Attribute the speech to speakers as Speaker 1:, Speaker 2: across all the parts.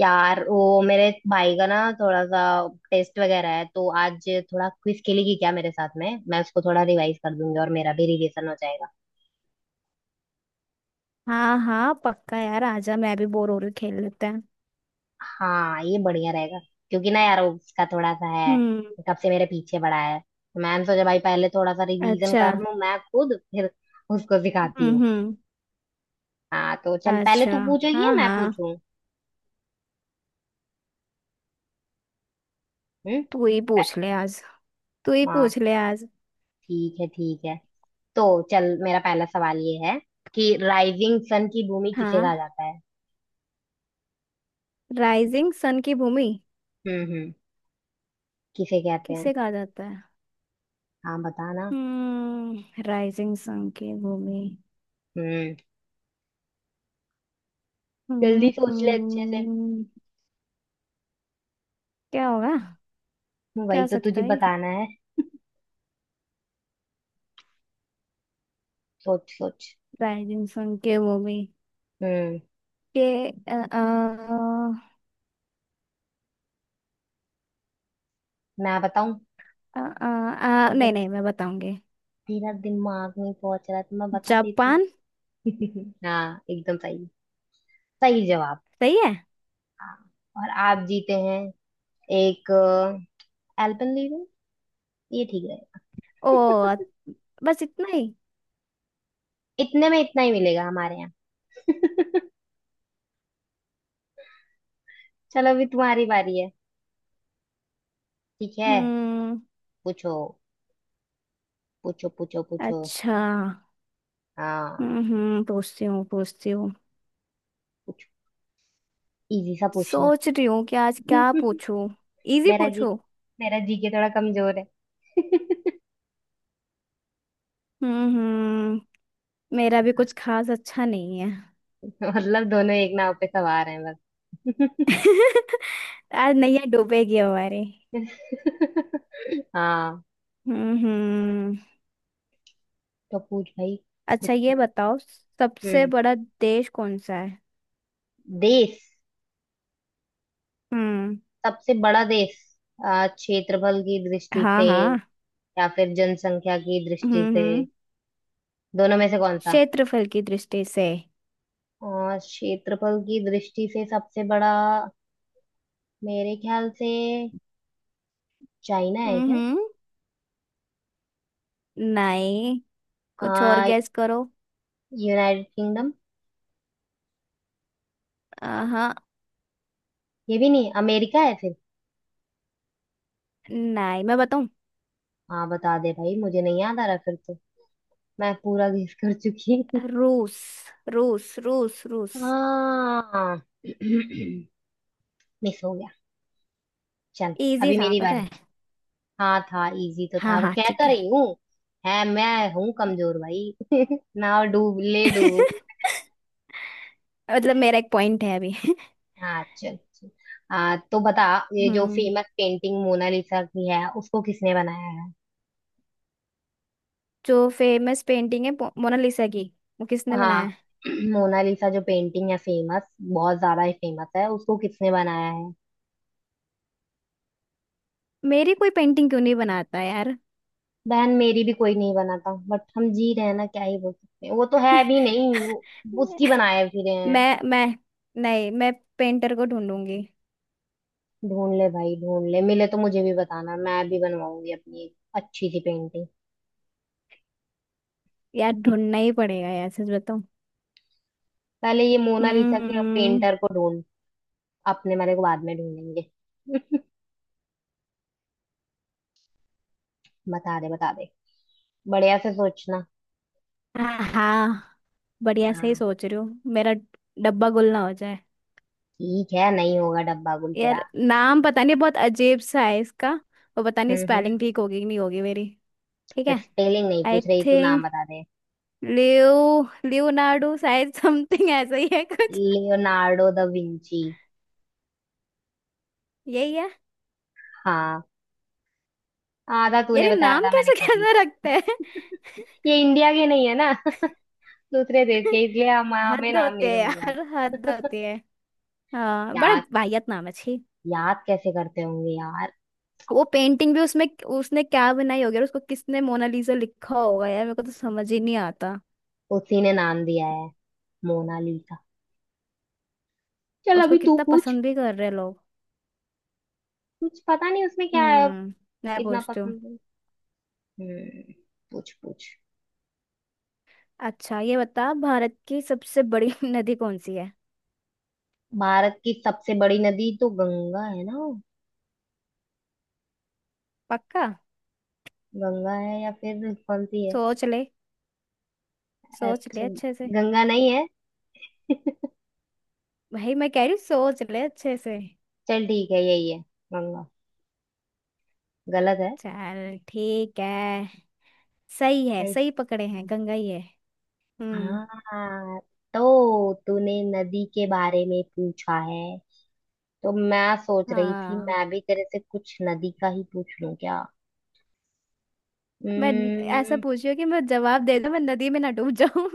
Speaker 1: यार वो मेरे भाई का ना थोड़ा सा टेस्ट वगैरह है, तो आज थोड़ा क्विज खेलेगी क्या मेरे साथ में? मैं उसको थोड़ा रिवाइज कर दूंगी और मेरा भी रिवीजन हो जाएगा।
Speaker 2: हाँ हाँ, पक्का यार आजा, मैं भी बोर हो रही हूँ, खेल लेते हैं।
Speaker 1: हाँ, ये बढ़िया रहेगा। क्योंकि ना यार वो उसका थोड़ा सा है,
Speaker 2: हम्म।
Speaker 1: कब से मेरे पीछे पड़ा है, तो मैंने सोचा भाई पहले थोड़ा सा रिवीजन
Speaker 2: अच्छा।
Speaker 1: कर लूं मैं खुद, फिर उसको सिखाती हूँ।
Speaker 2: हम्म।
Speaker 1: हाँ तो चल, पहले तू
Speaker 2: अच्छा।
Speaker 1: पूछेगी या
Speaker 2: हाँ
Speaker 1: मैं
Speaker 2: हाँ।
Speaker 1: पूछूं? हम्म।
Speaker 2: तू ही पूछ
Speaker 1: प-
Speaker 2: ले आज। तू ही पूछ
Speaker 1: हाँ,
Speaker 2: ले आज।
Speaker 1: ठीक है ठीक है। तो चल, मेरा पहला सवाल ये है कि राइजिंग सन की भूमि किसे कहा
Speaker 2: हाँ।
Speaker 1: जाता है?
Speaker 2: राइजिंग सन की भूमि
Speaker 1: हम्म हम्म किसे कहते हैं?
Speaker 2: किसे कहा जाता है?
Speaker 1: हाँ बताना।
Speaker 2: हम्म। राइजिंग सन की भूमि।
Speaker 1: हम्म जल्दी
Speaker 2: हम्म,
Speaker 1: सोच ले अच्छे से।
Speaker 2: हम्म। क्या होगा? क्या
Speaker 1: वही
Speaker 2: हो
Speaker 1: तो
Speaker 2: सकता
Speaker 1: तुझे
Speaker 2: है?
Speaker 1: बताना है। सोच सोच।
Speaker 2: राइजिंग सन की भूमि
Speaker 1: हम्म।
Speaker 2: के अ, अ,
Speaker 1: मैं बताऊं?
Speaker 2: नहीं
Speaker 1: अगर
Speaker 2: नहीं, मैं बताऊंगी।
Speaker 1: तेरा दिमाग नहीं पहुंच रहा तो मैं बता देती।
Speaker 2: जापान।
Speaker 1: हाँ, एकदम सही। सही जवाब।
Speaker 2: सही है।
Speaker 1: हाँ, और आप जीते हैं एक एल्पेनलीबे। ये ठीक रहेगा?
Speaker 2: ओ। बस इतना ही।
Speaker 1: इतने में इतना ही मिलेगा हमारे यहाँ। चलो, अभी तुम्हारी बारी है। ठीक है,
Speaker 2: हम्म।
Speaker 1: पूछो पूछो पूछो।
Speaker 2: अच्छा।
Speaker 1: हाँ,
Speaker 2: हम्म। पूछती हूँ पूछती हूँ।
Speaker 1: कुछ इजी सा पूछना।
Speaker 2: सोच रही हूँ कि आज क्या पूछूं। इजी
Speaker 1: मेरा जी
Speaker 2: पूछूं।
Speaker 1: मेरा जी के थोड़ा कमजोर है।
Speaker 2: हम्म। मेरा भी कुछ खास अच्छा नहीं है।
Speaker 1: मतलब दोनों एक नाव पे सवार हैं, बस।
Speaker 2: आज नैया डूबेगी हमारे।
Speaker 1: हाँ
Speaker 2: हम्म।
Speaker 1: तो पूछ भाई,
Speaker 2: अच्छा
Speaker 1: कुछ
Speaker 2: ये
Speaker 1: पूछ।
Speaker 2: बताओ, सबसे
Speaker 1: हम्म।
Speaker 2: बड़ा देश कौन सा है?
Speaker 1: देश।
Speaker 2: हम्म।
Speaker 1: सबसे बड़ा देश क्षेत्रफल की दृष्टि
Speaker 2: हाँ
Speaker 1: से
Speaker 2: हाँ।
Speaker 1: या फिर जनसंख्या की दृष्टि से,
Speaker 2: हम्म।
Speaker 1: दोनों में से कौन सा?
Speaker 2: क्षेत्रफल की दृष्टि से।
Speaker 1: क्षेत्रफल की दृष्टि से सबसे बड़ा मेरे ख्याल से चाइना है क्या?
Speaker 2: हम्म। नहीं। कुछ और
Speaker 1: आ,
Speaker 2: गैस करो।
Speaker 1: United Kingdom?
Speaker 2: हाँ।
Speaker 1: ये भी नहीं, अमेरिका है?
Speaker 2: नहीं, मैं बताऊं।
Speaker 1: हाँ बता दे भाई, मुझे नहीं याद आ रहा फिर तो। मैं पूरा गेस कर चुकी हूँ।
Speaker 2: रूस। रूस रूस रूस।
Speaker 1: हाँ। मिस हो गया। चल,
Speaker 2: इजी
Speaker 1: अभी
Speaker 2: था
Speaker 1: मेरी
Speaker 2: पता
Speaker 1: बारी।
Speaker 2: है।
Speaker 1: हाँ, था इजी तो, था,
Speaker 2: हाँ
Speaker 1: वो
Speaker 2: हाँ,
Speaker 1: कह
Speaker 2: ठीक
Speaker 1: तो
Speaker 2: है।
Speaker 1: रही हूँ। है, मैं हूँ कमजोर भाई, ना और डूब ले डूब।
Speaker 2: मतलब मेरा एक पॉइंट है अभी।
Speaker 1: हाँ चल चल। हाँ तो बता, ये जो
Speaker 2: हम्म।
Speaker 1: फेमस पेंटिंग मोनालिसा की है उसको किसने बनाया है?
Speaker 2: जो फेमस पेंटिंग है मोनालिसा की, वो किसने
Speaker 1: हाँ।
Speaker 2: बनाया है?
Speaker 1: मोनालिसा जो पेंटिंग है फेमस, बहुत ज्यादा ही फेमस है, उसको किसने बनाया है?
Speaker 2: मेरी कोई पेंटिंग क्यों नहीं बनाता यार।
Speaker 1: बहन मेरी भी कोई नहीं बना था, बट हम जी रहे हैं ना, क्या ही बोल सकते हैं। वो तो है भी नहीं, उसकी बनाए फिरे हैं।
Speaker 2: मैं नहीं, मैं पेंटर को ढूंढूंगी।
Speaker 1: ढूंढ ले भाई ढूंढ ले, मिले तो मुझे भी बताना, मैं भी बनवाऊंगी अपनी एक अच्छी सी पेंटिंग।
Speaker 2: यार ढूंढना ही पड़ेगा यार, सच बताऊं।
Speaker 1: पहले ये मोनालिसा के
Speaker 2: हम्म।
Speaker 1: पेंटर को ढूंढ, अपने वाले को बाद में ढूंढेंगे। बता दे बता दे, बढ़िया से सोचना।
Speaker 2: हाँ हाँ, बढ़िया से ही
Speaker 1: हाँ
Speaker 2: सोच रही हूँ, मेरा डब्बा गुल ना हो।
Speaker 1: ठीक है, नहीं होगा डब्बा गुल तेरा।
Speaker 2: यार नाम पता नहीं, बहुत अजीब सा है इसका। और पता नहीं
Speaker 1: हम्म हम्म
Speaker 2: स्पेलिंग ठीक होगी कि नहीं होगी मेरी। ठीक
Speaker 1: तो
Speaker 2: है।
Speaker 1: स्पेलिंग नहीं
Speaker 2: आई
Speaker 1: पूछ रही, तू नाम
Speaker 2: थिंक
Speaker 1: बता दे।
Speaker 2: लियोनार्डो, शायद समथिंग ऐसा ही है कुछ।
Speaker 1: Leonardo da Vinci.
Speaker 2: यही है।
Speaker 1: हाँ, आधा
Speaker 2: यार
Speaker 1: तूने
Speaker 2: ये
Speaker 1: बताया
Speaker 2: नाम
Speaker 1: आधा मैंने
Speaker 2: कैसे
Speaker 1: कंप्लीट।
Speaker 2: कैसे रखते हैं।
Speaker 1: ये इंडिया के नहीं है ना। दूसरे देश के, इसलिए हम हमें
Speaker 2: हद
Speaker 1: नाम नहीं
Speaker 2: होते है
Speaker 1: था मनवाते।
Speaker 2: यार, हद होती है। हाँ, बड़ा
Speaker 1: यार,
Speaker 2: वाहियत नाम है, छी।
Speaker 1: याद कैसे करते होंगे यार।
Speaker 2: वो पेंटिंग भी उसमें उसने क्या बनाई होगी, और उसको किसने मोनालिसा लिखा होगा, यार मेरे को तो समझ ही नहीं आता।
Speaker 1: उसी ने नाम दिया है, मोनालिसा।
Speaker 2: और
Speaker 1: चल,
Speaker 2: उसको
Speaker 1: अभी तू
Speaker 2: कितना
Speaker 1: पूछ।
Speaker 2: पसंद भी कर रहे हैं लोग।
Speaker 1: कुछ पता नहीं उसमें क्या है,
Speaker 2: हम्म। मैं
Speaker 1: इतना
Speaker 2: पूछती हूँ।
Speaker 1: पसंद है। हम्म। पूछ पूछ।
Speaker 2: अच्छा ये बता, भारत की सबसे बड़ी नदी कौन सी है?
Speaker 1: भारत की सबसे बड़ी नदी तो गंगा है ना?
Speaker 2: पक्का?
Speaker 1: गंगा है या फिर कौन सी है?
Speaker 2: सोच ले। सोच ले
Speaker 1: अच्छा,
Speaker 2: अच्छे से।
Speaker 1: गंगा नहीं है।
Speaker 2: भाई मैं कह रही हूँ, सोच ले अच्छे से।
Speaker 1: चल ठीक है, यही है, गंगा। गलत है?
Speaker 2: चल ठीक है। सही है,
Speaker 1: नहीं।
Speaker 2: सही पकड़े हैं, गंगा ही है। हम्म।
Speaker 1: हाँ तो तूने नदी के बारे में पूछा है, तो मैं सोच रही थी
Speaker 2: हाँ।
Speaker 1: मैं भी तेरे से कुछ नदी का ही पूछ लूं क्या।
Speaker 2: मैं ऐसा
Speaker 1: हम्म।
Speaker 2: पूछ रही हूँ कि मैं जवाब दे दूँ, मैं नदी में ना डूब जाऊं।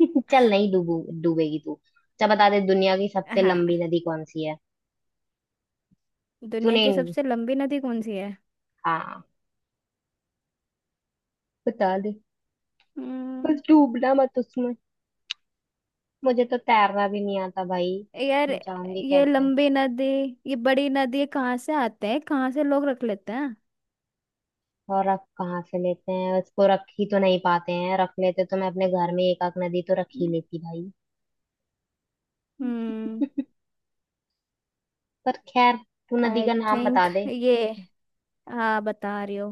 Speaker 1: चल, नहीं डूबू। डूबेगी तू। अच्छा बता दे, दुनिया की सबसे
Speaker 2: हाँ।
Speaker 1: लंबी नदी कौन सी है?
Speaker 2: दुनिया
Speaker 1: तूने,
Speaker 2: की सबसे लंबी नदी कौन सी है?
Speaker 1: हाँ, बता दे। बस
Speaker 2: हम्म।
Speaker 1: डूबना मत उसमें, मुझे तो तैरना भी नहीं आता भाई,
Speaker 2: यार
Speaker 1: बचाऊंगी
Speaker 2: ये
Speaker 1: कैसे?
Speaker 2: लंबी नदी, ये बड़ी नदी कहाँ से आते हैं, कहाँ से लोग रख लेते हैं।
Speaker 1: और रख कहाँ से लेते हैं उसको, रख ही तो नहीं पाते हैं। रख लेते तो मैं अपने घर में एक आध नदी तो रख ही
Speaker 2: हम्म।
Speaker 1: लेती भाई। पर खैर, तू नदी
Speaker 2: आई
Speaker 1: का नाम
Speaker 2: थिंक
Speaker 1: बता दे।
Speaker 2: ये। हाँ, बता रही हो।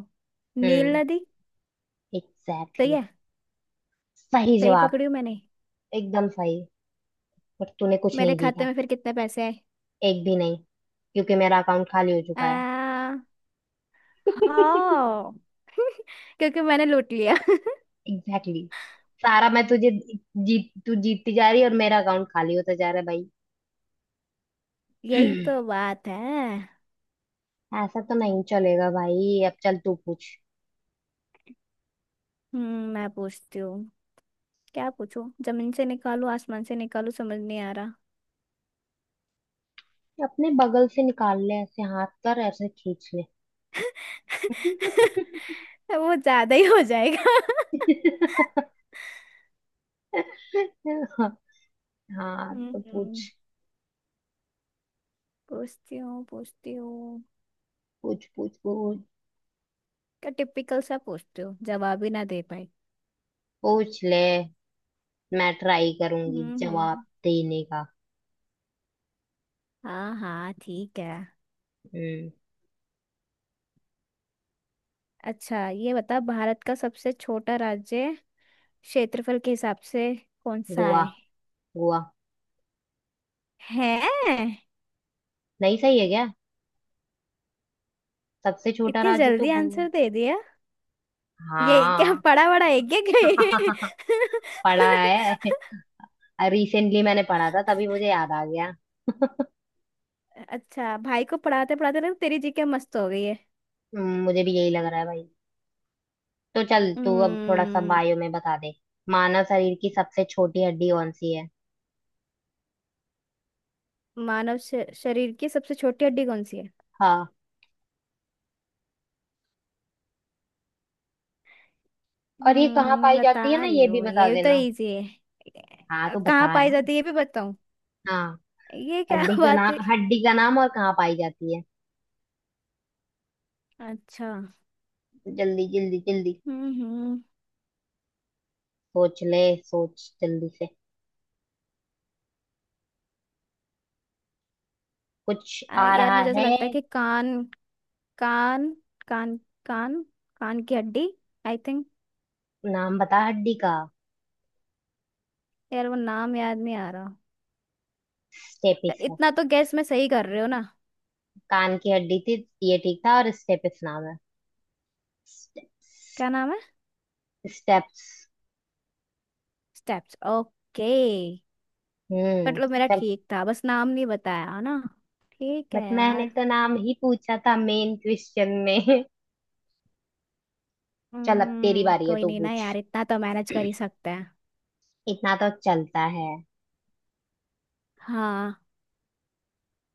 Speaker 2: नील
Speaker 1: हम्म।
Speaker 2: नदी।
Speaker 1: एग्जैक्टली
Speaker 2: सही
Speaker 1: exactly.
Speaker 2: है।
Speaker 1: सही
Speaker 2: सही
Speaker 1: जवाब।
Speaker 2: पकड़ी हूँ मैंने।
Speaker 1: एकदम सही। पर तूने कुछ
Speaker 2: मेरे
Speaker 1: नहीं
Speaker 2: खाते
Speaker 1: जीता।
Speaker 2: में फिर कितने पैसे आए?
Speaker 1: एक भी नहीं, क्योंकि मेरा अकाउंट खाली हो चुका है।
Speaker 2: आ,
Speaker 1: एग्जैक्टली
Speaker 2: हाँ। क्योंकि मैंने लूट लिया।
Speaker 1: exactly. सारा मैं तुझे, जीत तू जीतती जा रही है और मेरा अकाउंट खाली होता जा रहा है भाई।
Speaker 2: यही तो बात है।
Speaker 1: ऐसा तो नहीं चलेगा भाई, अब चल तू पूछ।
Speaker 2: हम्म। मैं पूछती हूँ। क्या पूछूं, जमीन से निकालू आसमान से निकालू, समझ नहीं आ रहा।
Speaker 1: अपने बगल से निकाल ले, ऐसे हाथ कर ऐसे खींच ले।
Speaker 2: वो ज्यादा ही हो जाएगा।
Speaker 1: हाँ तो
Speaker 2: हम्म।
Speaker 1: पूछ
Speaker 2: पूछती हूँ पूछती हूँ।
Speaker 1: पूछ पूछ।
Speaker 2: का टिपिकल सा पूछते हो, जवाब ही ना दे पाए।
Speaker 1: पूछ ले, मैं ट्राई करूंगी जवाब
Speaker 2: हम्म।
Speaker 1: देने का।
Speaker 2: हाँ हाँ, ठीक है।
Speaker 1: हम्म।
Speaker 2: अच्छा ये बता, भारत का सबसे छोटा राज्य, क्षेत्रफल के हिसाब से कौन सा
Speaker 1: गोवा।
Speaker 2: है?
Speaker 1: गोवा।
Speaker 2: है?
Speaker 1: नहीं सही है क्या? सबसे छोटा
Speaker 2: इतनी
Speaker 1: राज्य तो
Speaker 2: जल्दी
Speaker 1: गोवा।
Speaker 2: आंसर दे दिया। ये क्या,
Speaker 1: हाँ।
Speaker 2: पढ़ा बड़ा है क्या कहीं?
Speaker 1: पढ़ा है, रिसेंटली मैंने पढ़ा था तभी मुझे याद आ गया।
Speaker 2: अच्छा, भाई को पढ़ाते पढ़ाते ना तेरी जीके मस्त हो गई है।
Speaker 1: मुझे भी यही लग रहा है भाई। तो चल तू अब थोड़ा सा
Speaker 2: हम्म।
Speaker 1: बायो में बता दे, मानव शरीर की सबसे छोटी हड्डी कौन सी है?
Speaker 2: मानव शरीर की सबसे छोटी हड्डी कौन सी है?
Speaker 1: हाँ, और ये कहाँ पाई
Speaker 2: बता
Speaker 1: जाती है ना,
Speaker 2: रही
Speaker 1: ये भी
Speaker 2: हूँ।
Speaker 1: बता
Speaker 2: ये भी तो
Speaker 1: देना।
Speaker 2: इजी
Speaker 1: हाँ
Speaker 2: है,
Speaker 1: तो
Speaker 2: कहाँ
Speaker 1: बता
Speaker 2: पाई
Speaker 1: ना।
Speaker 2: जाती है ये भी बताऊँ।
Speaker 1: हाँ।
Speaker 2: ये क्या
Speaker 1: हड्डी का
Speaker 2: बात हुई।
Speaker 1: नाम, और कहाँ पाई जाती है।
Speaker 2: अच्छा।
Speaker 1: जल्दी जल्दी जल्दी।
Speaker 2: हम्म।
Speaker 1: सोच ले, सोच जल्दी से। कुछ आ
Speaker 2: यार
Speaker 1: रहा
Speaker 2: मुझे ऐसा
Speaker 1: है?
Speaker 2: लगता है कि कान, कान, कान, कान, कान की हड्डी, आई थिंक।
Speaker 1: नाम बता हड्डी का।
Speaker 2: यार वो नाम याद नहीं आ रहा। तो
Speaker 1: स्टेपिस है।
Speaker 2: इतना तो गैस में सही कर रहे हो ना।
Speaker 1: कान की हड्डी थी, ये ठीक था, और स्टेपिस नाम है।
Speaker 2: क्या नाम है?
Speaker 1: स्टेप्स।
Speaker 2: Steps, okay.
Speaker 1: हम्म।
Speaker 2: मतलब मेरा
Speaker 1: चल,
Speaker 2: ठीक था, बस नाम नहीं बताया ना। ठीक
Speaker 1: बट
Speaker 2: है
Speaker 1: मैंने
Speaker 2: यार।
Speaker 1: तो नाम ही पूछा था मेन क्वेश्चन में। चल, अब तेरी
Speaker 2: हम्म।
Speaker 1: बारी है,
Speaker 2: कोई
Speaker 1: तू
Speaker 2: नहीं ना
Speaker 1: पूछ।
Speaker 2: यार, इतना तो मैनेज कर ही सकते हैं।
Speaker 1: इतना तो चलता है।
Speaker 2: हाँ।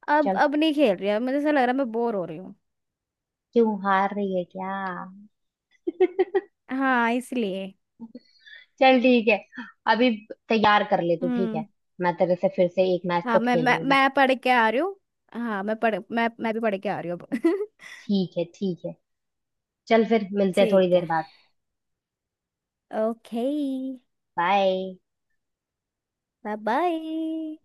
Speaker 2: अब
Speaker 1: चल,
Speaker 2: अब नहीं खेल रही, अब मुझे ऐसा लग रहा है मैं बोर हो रही हूँ।
Speaker 1: क्यों हार रही है क्या?
Speaker 2: हाँ, इसलिए।
Speaker 1: चल ठीक है, अभी तैयार कर ले तू, ठीक है?
Speaker 2: हम्म।
Speaker 1: मैं तेरे से फिर से एक मैच तो
Speaker 2: हाँ, मैं मैं
Speaker 1: खेलूंगी।
Speaker 2: मैं पढ़ के आ रही हूँ। हाँ, मैं भी पढ़ के आ रही हूँ अब।
Speaker 1: ठीक है ठीक है। चल फिर, मिलते हैं थोड़ी
Speaker 2: ठीक
Speaker 1: देर
Speaker 2: है।
Speaker 1: बाद।
Speaker 2: ओके।
Speaker 1: बाय।
Speaker 2: Bye bye.